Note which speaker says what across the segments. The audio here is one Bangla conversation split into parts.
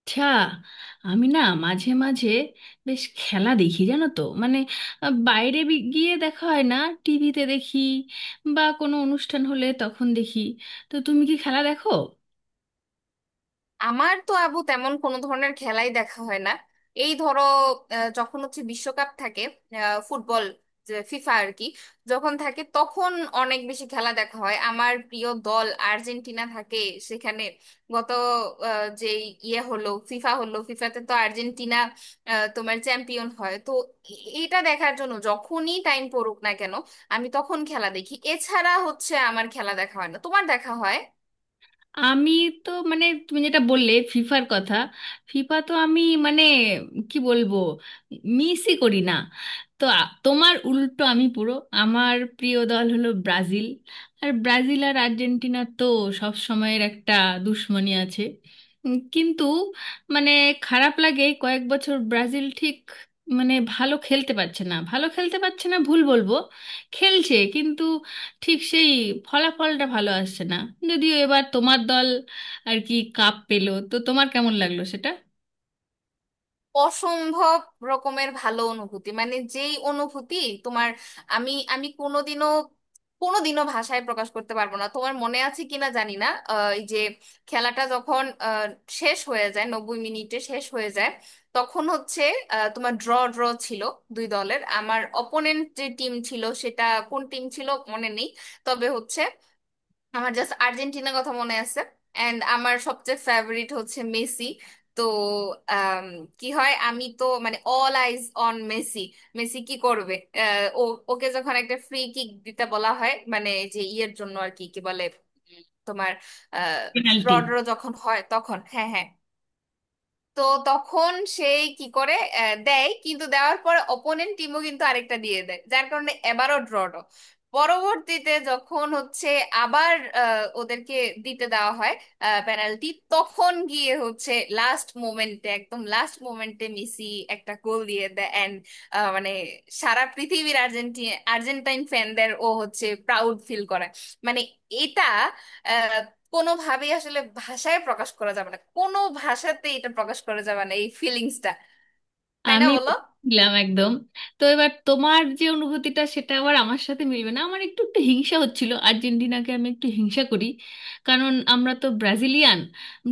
Speaker 1: আচ্ছা, আমি না মাঝে মাঝে বেশ খেলা দেখি, জানো তো। মানে বাইরে গিয়ে দেখা হয় না, টিভিতে দেখি বা কোনো অনুষ্ঠান হলে তখন দেখি। তো তুমি কি খেলা দেখো?
Speaker 2: আমার তো আবু তেমন কোনো ধরনের খেলাই দেখা হয় না। এই ধরো, যখন হচ্ছে বিশ্বকাপ থাকে, ফুটবল, যে ফিফা আর কি, যখন থাকে তখন অনেক বেশি খেলা দেখা হয়। আমার প্রিয় দল আর্জেন্টিনা থাকে সেখানে। গত আহ, যে ইয়ে হলো ফিফা হলো ফিফাতে তো আর্জেন্টিনা তোমার চ্যাম্পিয়ন হয় তো। এটা দেখার জন্য যখনই টাইম পড়ুক না কেন আমি তখন খেলা দেখি। এছাড়া হচ্ছে আমার খেলা দেখা হয় না। তোমার দেখা হয়?
Speaker 1: আমি তো মানে তুমি যেটা বললে ফিফার কথা, ফিফা তো আমি মানে কি বলবো, মিসই করি না। তো তোমার উল্টো আমি পুরো, আমার প্রিয় দল হলো ব্রাজিল। আর ব্রাজিল আর আর্জেন্টিনা তো সব সময়ের একটা দুশ্মনী আছে। কিন্তু মানে খারাপ লাগে, কয়েক বছর ব্রাজিল ঠিক মানে ভালো খেলতে পারছে না, ভালো খেলতে পারছে না ভুল বলবো, খেলছে কিন্তু ঠিক সেই ফলাফলটা ভালো আসছে না। যদিও এবার তোমার দল আর কি কাপ পেলো, তো তোমার কেমন লাগলো সেটা?
Speaker 2: অসম্ভব রকমের ভালো অনুভূতি, মানে, যেই অনুভূতি তোমার, আমি আমি কোনোদিনও কোনোদিনও ভাষায় প্রকাশ করতে পারবো না। তোমার মনে আছে কিনা জানি না, এই যে খেলাটা যখন শেষ হয়ে যায় 90 মিনিটে শেষ হয়ে যায়, তখন হচ্ছে তোমার ড্র ড্র ছিল দুই দলের। আমার অপোনেন্ট যে টিম ছিল, সেটা কোন টিম ছিল মনে নেই, তবে হচ্ছে আমার জাস্ট আর্জেন্টিনার কথা মনে আছে। এন্ড আমার সবচেয়ে ফেভারিট হচ্ছে মেসি। তো আম, কি হয়, আমি তো মানে all eyes on Messi, Messi কি করবে। ও, ওকে যখন একটা ফ্রি কিক দিতে বলা হয়, মানে, যে ইয়ের জন্য আর কি, কি বলে, তোমার আহ,
Speaker 1: পেনাল্টি।
Speaker 2: রড্রো যখন হয়, তখন, হ্যাঁ হ্যাঁ, তো তখন সেই কি করে, দেয়। কিন্তু দেওয়ার পরে অপোনেন্ট টিমও কিন্তু আরেকটা দিয়ে দেয়, যার কারণে এবারও ড্র। পরবর্তীতে যখন হচ্ছে আবার ওদেরকে দিতে দেওয়া হয় পেনাল্টি, তখন গিয়ে হচ্ছে লাস্ট মোমেন্টে, একদম লাস্ট মোমেন্টে মেসি একটা গোল দিয়ে দেয়। অ্যান্ড মানে সারা পৃথিবীর আর্জেন্টাইন ফ্যানদের ও হচ্ছে প্রাউড ফিল করে। মানে এটা কোনোভাবেই আসলে ভাষায় প্রকাশ করা যাবে না, কোনো ভাষাতে এটা প্রকাশ করা যাবে না এই ফিলিংসটা, তাই না
Speaker 1: আমি
Speaker 2: বলো?
Speaker 1: বুঝলাম একদম। তো এবার তোমার যে অনুভূতিটা সেটা আবার আমার সাথে মিলবে না, আমার একটু একটু হিংসা হচ্ছিল, আর্জেন্টিনাকে আমি একটু হিংসা করি। কারণ আমরা তো ব্রাজিলিয়ান,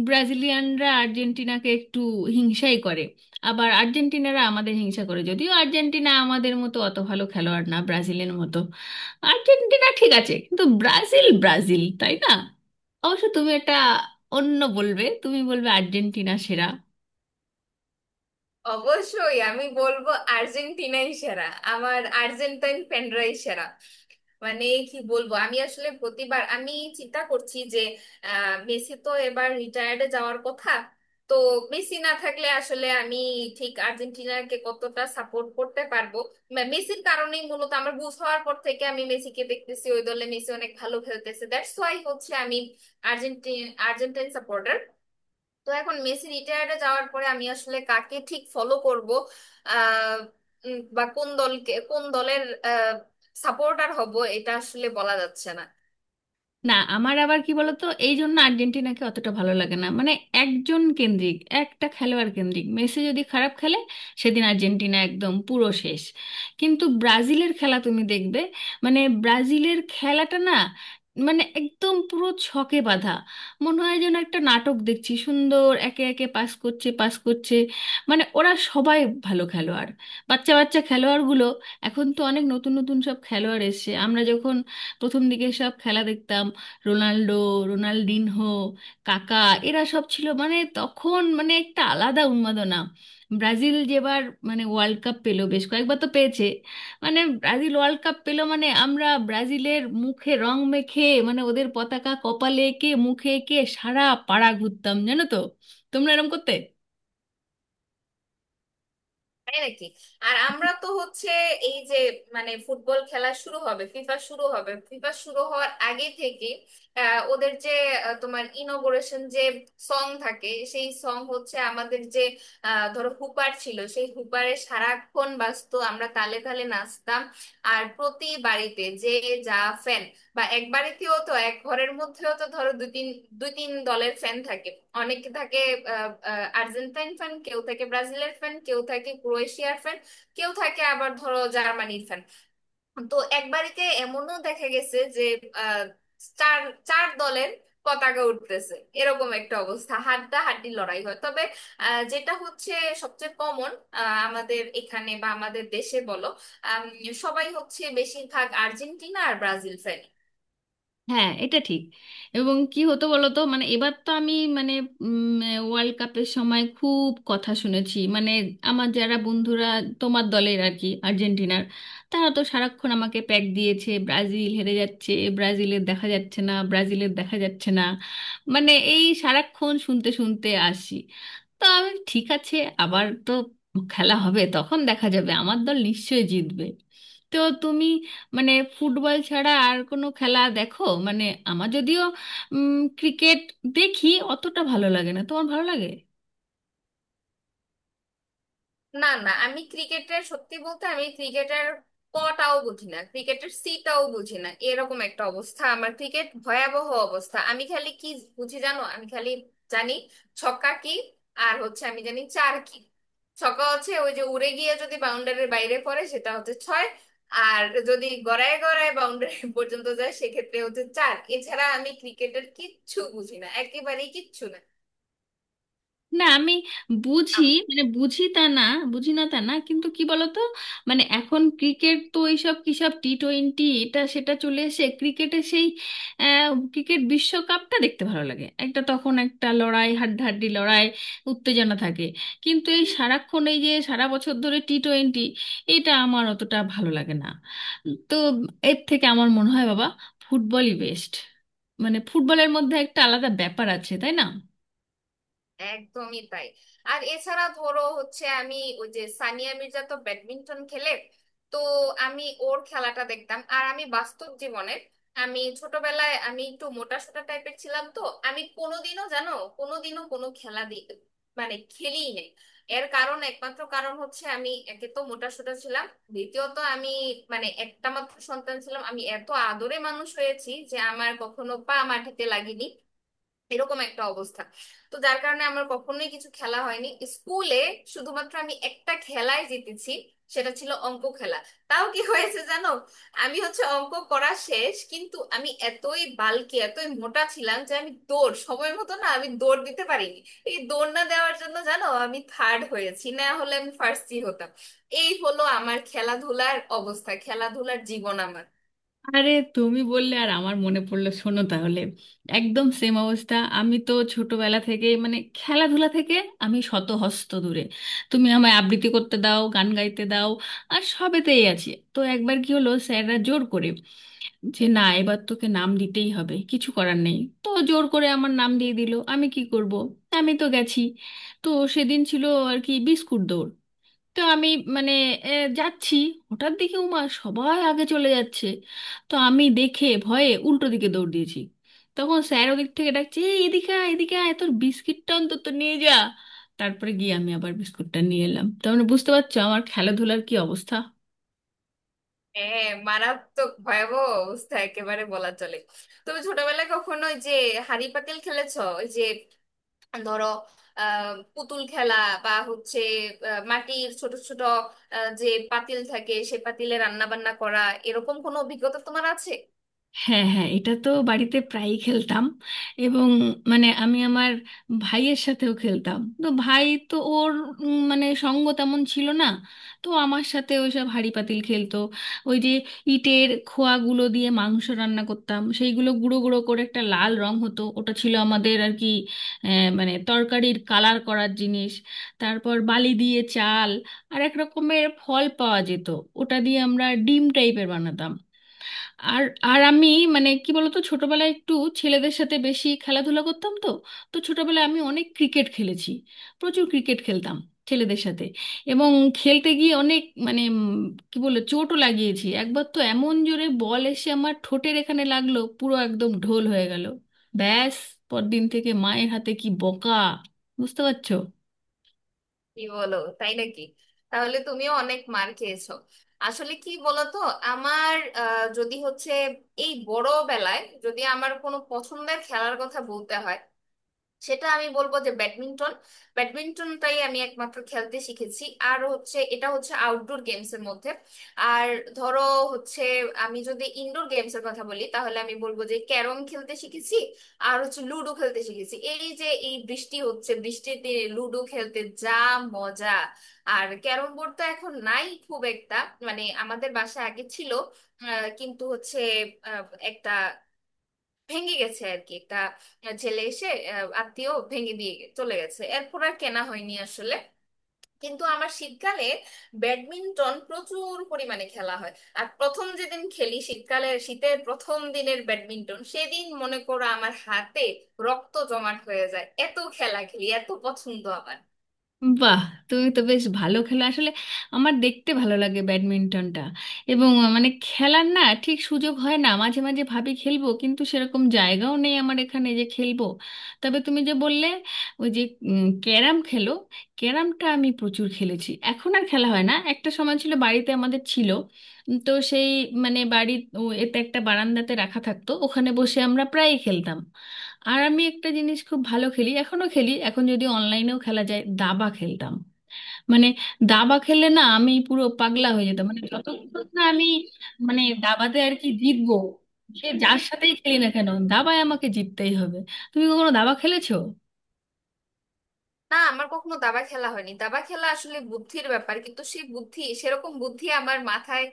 Speaker 1: ব্রাজিলিয়ানরা আর্জেন্টিনাকে একটু হিংসাই করে, আবার আর্জেন্টিনারা আমাদের হিংসা করে। যদিও আর্জেন্টিনা আমাদের মতো অত ভালো খেলোয়াড় না, ব্রাজিলের মতো আর্জেন্টিনা ঠিক আছে, কিন্তু ব্রাজিল ব্রাজিল, তাই না? অবশ্য তুমি এটা অন্য বলবে, তুমি বলবে আর্জেন্টিনা সেরা।
Speaker 2: অবশ্যই আমি বলবো আর্জেন্টিনাই সেরা, আমার আর্জেন্টাইন ফ্যানরাই সেরা। মানে কি বলবো আমি আসলে, প্রতিবার আমি চিন্তা করছি যে মেসি তো এবার রিটায়ার্ডে যাওয়ার কথা। তো মেসি না থাকলে আসলে আমি ঠিক আর্জেন্টিনাকে কতটা সাপোর্ট করতে পারবো। মেসির কারণেই মূলত আমার বুঝ হওয়ার পর থেকে আমি মেসিকে দেখতেছি, ওই দলে মেসি অনেক ভালো খেলতেছে, দ্যাটস ওয়াই হচ্ছে আমি আর্জেন্টিন আর্জেন্টাইন সাপোর্টার। তো এখন মেসি রিটায়ার্ডে যাওয়ার পরে আমি আসলে কাকে ঠিক ফলো করব, আহ বা কোন দলকে, কোন দলের সাপোর্টার হব, এটা আসলে বলা যাচ্ছে না।
Speaker 1: না, আমার আবার কি বলতো, এই জন্য আর্জেন্টিনাকে অতটা ভালো লাগে না, মানে একজন কেন্দ্রিক, একটা খেলোয়াড় কেন্দ্রিক। মেসি যদি খারাপ খেলে সেদিন আর্জেন্টিনা একদম পুরো শেষ। কিন্তু ব্রাজিলের খেলা তুমি দেখবে, মানে ব্রাজিলের খেলাটা না মানে একদম পুরো ছকে বাঁধা, মনে হয় যেন একটা নাটক দেখছি, সুন্দর একে একে পাস করছে পাস করছে। মানে ওরা সবাই ভালো খেলোয়াড়, বাচ্চা বাচ্চা খেলোয়াড়গুলো। এখন তো অনেক নতুন নতুন সব খেলোয়াড় এসেছে, আমরা যখন প্রথম দিকে সব খেলা দেখতাম রোনাল্ডো, রোনাল্ডিনহো, কাকা, এরা সব ছিল। মানে তখন মানে একটা আলাদা উন্মাদনা। ব্রাজিল যেবার মানে ওয়ার্ল্ড কাপ পেলো, বেশ কয়েকবার তো পেয়েছে, মানে ব্রাজিল ওয়ার্ল্ড কাপ পেলো মানে আমরা ব্রাজিলের মুখে রং মেখে মানে ওদের পতাকা কপালে এঁকে, মুখে এঁকে সারা পাড়া ঘুরতাম, জানো তো। তোমরা এরম করতে?
Speaker 2: তাই নাকি? আর আমরা তো হচ্ছে এই যে, মানে ফুটবল খেলা শুরু হবে, ফিফা শুরু হবে, ফিফা শুরু হওয়ার আগে থেকে ওদের যে তোমার ইনোগুরেশন যে সং থাকে, সেই সং হচ্ছে আমাদের যে ধরো হুপার ছিল, সেই হুপারে সারাক্ষণ বাজতো, আমরা তালে তালে নাচতাম। আর প্রতি বাড়িতে যে যা ফ্যান, বা এক বাড়িতেও তো, এক ঘরের মধ্যেও তো ধরো দুই তিন দলের ফ্যান থাকে, অনেকে থাকে। আহ, আহ, আর্জেন্টাইন ফ্যান কেউ থাকে, ব্রাজিলের ফ্যান কেউ থাকে, ক্রোয়েশিয়ার ফ্যান কেউ থাকে, আবার ধরো জার্মানির ফ্যান। তো এক বাড়িতে এমনও দেখা গেছে যে আহ, চার চার দলের পতাকা উঠতেছে, এরকম একটা অবস্থা, হাড্ডা হাড্ডি লড়াই হয়। তবে যেটা হচ্ছে সবচেয়ে কমন আমাদের এখানে বা আমাদের দেশে বলো, আম, সবাই হচ্ছে বেশিরভাগ আর্জেন্টিনা আর ব্রাজিল ফ্যান।
Speaker 1: হ্যাঁ, এটা ঠিক। এবং কি হতো বলতো মানে এবার তো আমি মানে ওয়ার্ল্ড কাপের সময় খুব কথা শুনেছি, মানে আমার যারা বন্ধুরা তোমার দলের আর কি, আর্জেন্টিনার, তারা তো সারাক্ষণ আমাকে প্যাক দিয়েছে, ব্রাজিল হেরে যাচ্ছে, ব্রাজিলের দেখা যাচ্ছে না, ব্রাজিলের দেখা যাচ্ছে না। মানে এই সারাক্ষণ শুনতে শুনতে আসি, তো আমি ঠিক আছে, আবার তো খেলা হবে তখন দেখা যাবে, আমার দল নিশ্চয়ই জিতবে। তো তুমি মানে ফুটবল ছাড়া আর কোনো খেলা দেখো? মানে আমার যদিও ক্রিকেট দেখি, অতটা ভালো লাগে না, তোমার ভালো লাগে?
Speaker 2: না না, আমি ক্রিকেটের সত্যি বলতে, আমি ক্রিকেটের কটাও বুঝি না, ক্রিকেটের সিটাও বুঝি না, এরকম একটা অবস্থা আমার, ক্রিকেট ভয়াবহ অবস্থা। আমি খালি কি বুঝি জানো? আমি খালি জানি ছক্কা কি, আর হচ্ছে আমি জানি চার কি। ছক্কা হচ্ছে ওই যে উড়ে গিয়ে যদি বাউন্ডারির বাইরে পড়ে, সেটা হচ্ছে ছয়, আর যদি গড়ায় গড়ায় বাউন্ডারি পর্যন্ত যায়, সেক্ষেত্রে হচ্ছে চার। এছাড়া আমি ক্রিকেটের কিচ্ছু বুঝি না, একেবারেই কিচ্ছু
Speaker 1: না, আমি
Speaker 2: না।
Speaker 1: বুঝি, মানে বুঝি তা না, বুঝি না তা না, কিন্তু কি বলতো মানে এখন ক্রিকেট তো এইসব কিসব টি টোয়েন্টি এটা সেটা চলে এসে ক্রিকেটে সেই ক্রিকেট বিশ্বকাপটা দেখতে ভালো লাগে, একটা তখন একটা লড়াই, হাড্ডাহাড্ডি লড়াই, উত্তেজনা থাকে। কিন্তু এই সারাক্ষণ এই যে সারা বছর ধরে টি টোয়েন্টি, এটা আমার অতটা ভালো লাগে না। তো এর থেকে আমার মনে হয় বাবা ফুটবলই বেস্ট, মানে ফুটবলের মধ্যে একটা আলাদা ব্যাপার আছে, তাই না?
Speaker 2: একদমই তাই। আর এছাড়া ধরো হচ্ছে আমি, ওই যে সানিয়া মির্জা তো ব্যাডমিন্টন খেলে, তো আমি ওর খেলাটা দেখতাম। আর আমি বাস্তব জীবনের, আমি ছোটবেলায় আমি একটু মোটা সোটা টাইপের ছিলাম, তো আমি কোনোদিনও জানো কোনোদিনও কোনো খেলা মানে খেলিই নাই। এর কারণ, একমাত্র কারণ হচ্ছে আমি একে তো মোটা সোটা ছিলাম, দ্বিতীয়ত আমি মানে একটা মাত্র সন্তান ছিলাম, আমি এত আদরে মানুষ হয়েছি যে আমার কখনো পা মাটিতে লাগেনি, এরকম একটা অবস্থা। তো যার কারণে আমার কখনোই কিছু খেলা হয়নি। স্কুলে শুধুমাত্র আমি একটা খেলায় জিতেছি, সেটা ছিল অঙ্ক খেলা। তাও কি হয়েছে জানো? আমি হচ্ছে অঙ্ক করা শেষ, কিন্তু আমি এতই বালকি, এতই মোটা ছিলাম যে আমি দৌড় সময় মতো না, আমি দৌড় দিতে পারিনি। এই দৌড় না দেওয়ার জন্য জানো আমি থার্ড হয়েছি, না হলে আমি ফার্স্টই হতাম। এই হলো আমার খেলাধুলার অবস্থা, খেলাধুলার জীবন আমার।
Speaker 1: আরে তুমি বললে আর আমার মনে পড়লো, শোনো তাহলে, একদম সেম অবস্থা। আমি তো ছোটবেলা থেকে মানে খেলাধুলা থেকে আমি শত হস্ত দূরে। তুমি আমায় আবৃত্তি করতে দাও, গান গাইতে দাও, আর সবেতেই আছি। তো একবার কি হলো, স্যাররা জোর করে যে না, এবার তোকে নাম দিতেই হবে, কিছু করার নেই। তো জোর করে আমার নাম দিয়ে দিল, আমি কি করব, আমি তো গেছি। তো সেদিন ছিল আর কি বিস্কুট দৌড়। তো আমি মানে এ, যাচ্ছি, হঠাৎ দেখি উমা সবাই আগে চলে যাচ্ছে, তো আমি দেখে ভয়ে উল্টো দিকে দৌড় দিয়েছি। তখন স্যার ওদিক থেকে ডাকছে, এই এদিকে আয়, এদিকে আয়, তোর বিস্কিটটা অন্তত নিয়ে যা। তারপরে গিয়ে আমি আবার বিস্কুটটা নিয়ে এলাম। তার মানে বুঝতে পারছো আমার খেলাধুলার কি অবস্থা।
Speaker 2: হ্যাঁ, মারাত্মক ভয়াবহ অবস্থা একেবারে বলা চলে। তুমি ছোটবেলায় কখনো ওই যে হাঁড়ি পাতিল খেলেছো? ওই যে ধরো পুতুল খেলা, বা হচ্ছে মাটির ছোট ছোট আহ, যে পাতিল থাকে, সে পাতিলে রান্না বান্না করা, এরকম কোনো অভিজ্ঞতা তোমার আছে?
Speaker 1: হ্যাঁ হ্যাঁ, এটা তো বাড়িতে প্রায়ই খেলতাম। এবং মানে আমি আমার ভাইয়ের সাথেও খেলতাম, তো ভাই তো ওর মানে সঙ্গ তেমন ছিল না, তো আমার সাথে ওই সব হাঁড়ি পাতিল খেলতো। ওই যে ইটের খোয়াগুলো দিয়ে মাংস রান্না করতাম, সেইগুলো গুঁড়ো গুঁড়ো করে একটা লাল রং হতো, ওটা ছিল আমাদের আর কি মানে তরকারির কালার করার জিনিস। তারপর বালি দিয়ে চাল, আর এক রকমের ফল পাওয়া যেত, ওটা দিয়ে আমরা ডিম টাইপের বানাতাম। আর আর আমি মানে কি বলতো ছোটবেলায় একটু ছেলেদের সাথে বেশি খেলাধুলা করতাম তো। তো ছোটবেলায় আমি অনেক ক্রিকেট খেলেছি, প্রচুর ক্রিকেট খেলতাম ছেলেদের সাথে। এবং খেলতে গিয়ে অনেক মানে কি বলে চোটও লাগিয়েছি। একবার তো এমন জোরে বল এসে আমার ঠোঁটের এখানে লাগলো, পুরো একদম ঢোল হয়ে গেল। ব্যাস, পরদিন থেকে মায়ের হাতে কি বকা, বুঝতে পারছো।
Speaker 2: কি বলো, তাই নাকি? তাহলে তুমিও অনেক মার খেয়েছো। আসলে কি বলতো, আমার যদি হচ্ছে এই বড় বেলায়, যদি আমার কোনো পছন্দের খেলার কথা বলতে হয়, সেটা আমি বলবো যে ব্যাডমিন্টন। ব্যাডমিন্টনটাই আমি একমাত্র খেলতে শিখেছি, আর হচ্ছে এটা হচ্ছে আউটডোর গেমস এর মধ্যে। আর ধরো হচ্ছে, আমি যদি ইনডোর গেমস এর কথা বলি, তাহলে আমি বলবো যে ক্যারম খেলতে শিখেছি, আর হচ্ছে লুডো খেলতে শিখেছি। এই যে এই বৃষ্টি হচ্ছে, বৃষ্টিতে লুডো খেলতে যা মজা! আর ক্যারম বোর্ড তো এখন নাই খুব একটা, মানে আমাদের বাসায় আগে ছিল, কিন্তু হচ্ছে আহ, একটা ভেঙে গেছে আর কি। একটা ছেলে এসে, আত্মীয়, ভেঙে দিয়ে চলে গেছে, এরপর আর কেনা হয়নি আসলে। কিন্তু আমার শীতকালে ব্যাডমিন্টন প্রচুর পরিমাণে খেলা হয়। আর প্রথম যেদিন খেলি শীতকালে, শীতের প্রথম দিনের ব্যাডমিন্টন, সেদিন মনে করো আমার হাতে রক্ত জমাট হয়ে যায়, এত খেলা খেলি, এত পছন্দ আমার।
Speaker 1: বাহ, তুমি তো বেশ ভালো খেলো আসলে। আমার দেখতে ভালো লাগে ব্যাডমিন্টনটা, এবং মানে খেলার না ঠিক সুযোগ হয় না, মাঝে মাঝে ভাবি খেলবো কিন্তু সেরকম জায়গাও নেই আমার এখানে যে খেলবো। তবে তুমি যে বললে, ওই যে ক্যারাম খেলো, ক্যারামটা আমি প্রচুর খেলেছি, এখন আর খেলা হয় না। একটা সময় ছিল বাড়িতে আমাদের ছিল, তো সেই মানে বাড়ি ও, এতে একটা বারান্দাতে রাখা থাকতো, ওখানে বসে আমরা প্রায়ই খেলতাম। আর আমি একটা জিনিস খুব ভালো খেলি এখনো খেলি, এখন যদি অনলাইনেও খেলা যায়, দাবা খেলতাম। মানে দাবা খেললে না আমি পুরো পাগলা হয়ে যেতাম, মানে যতক্ষণ না আমি মানে দাবাতে আর কি জিতবো, সে যার সাথেই খেলি না কেন দাবায় আমাকে জিততেই হবে। তুমি কখনো দাবা খেলেছো?
Speaker 2: না, আমার কখনো দাবা খেলা হয়নি। দাবা খেলা আসলে বুদ্ধির ব্যাপার, কিন্তু সেই বুদ্ধি, সেরকম বুদ্ধি আমার মাথায়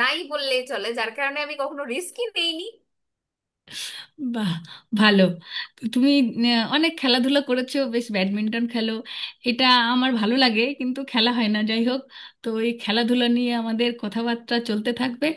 Speaker 2: নাই বললেই চলে, যার কারণে আমি কখনো রিস্কই নেইনি।
Speaker 1: বাহ, ভালো। তো তুমি অনেক খেলাধুলা করেছো, বেশ ব্যাডমিন্টন খেলো, এটা আমার ভালো লাগে কিন্তু খেলা হয় না। যাই হোক, তো এই খেলাধুলা নিয়ে আমাদের কথাবার্তা চলতে থাকবে।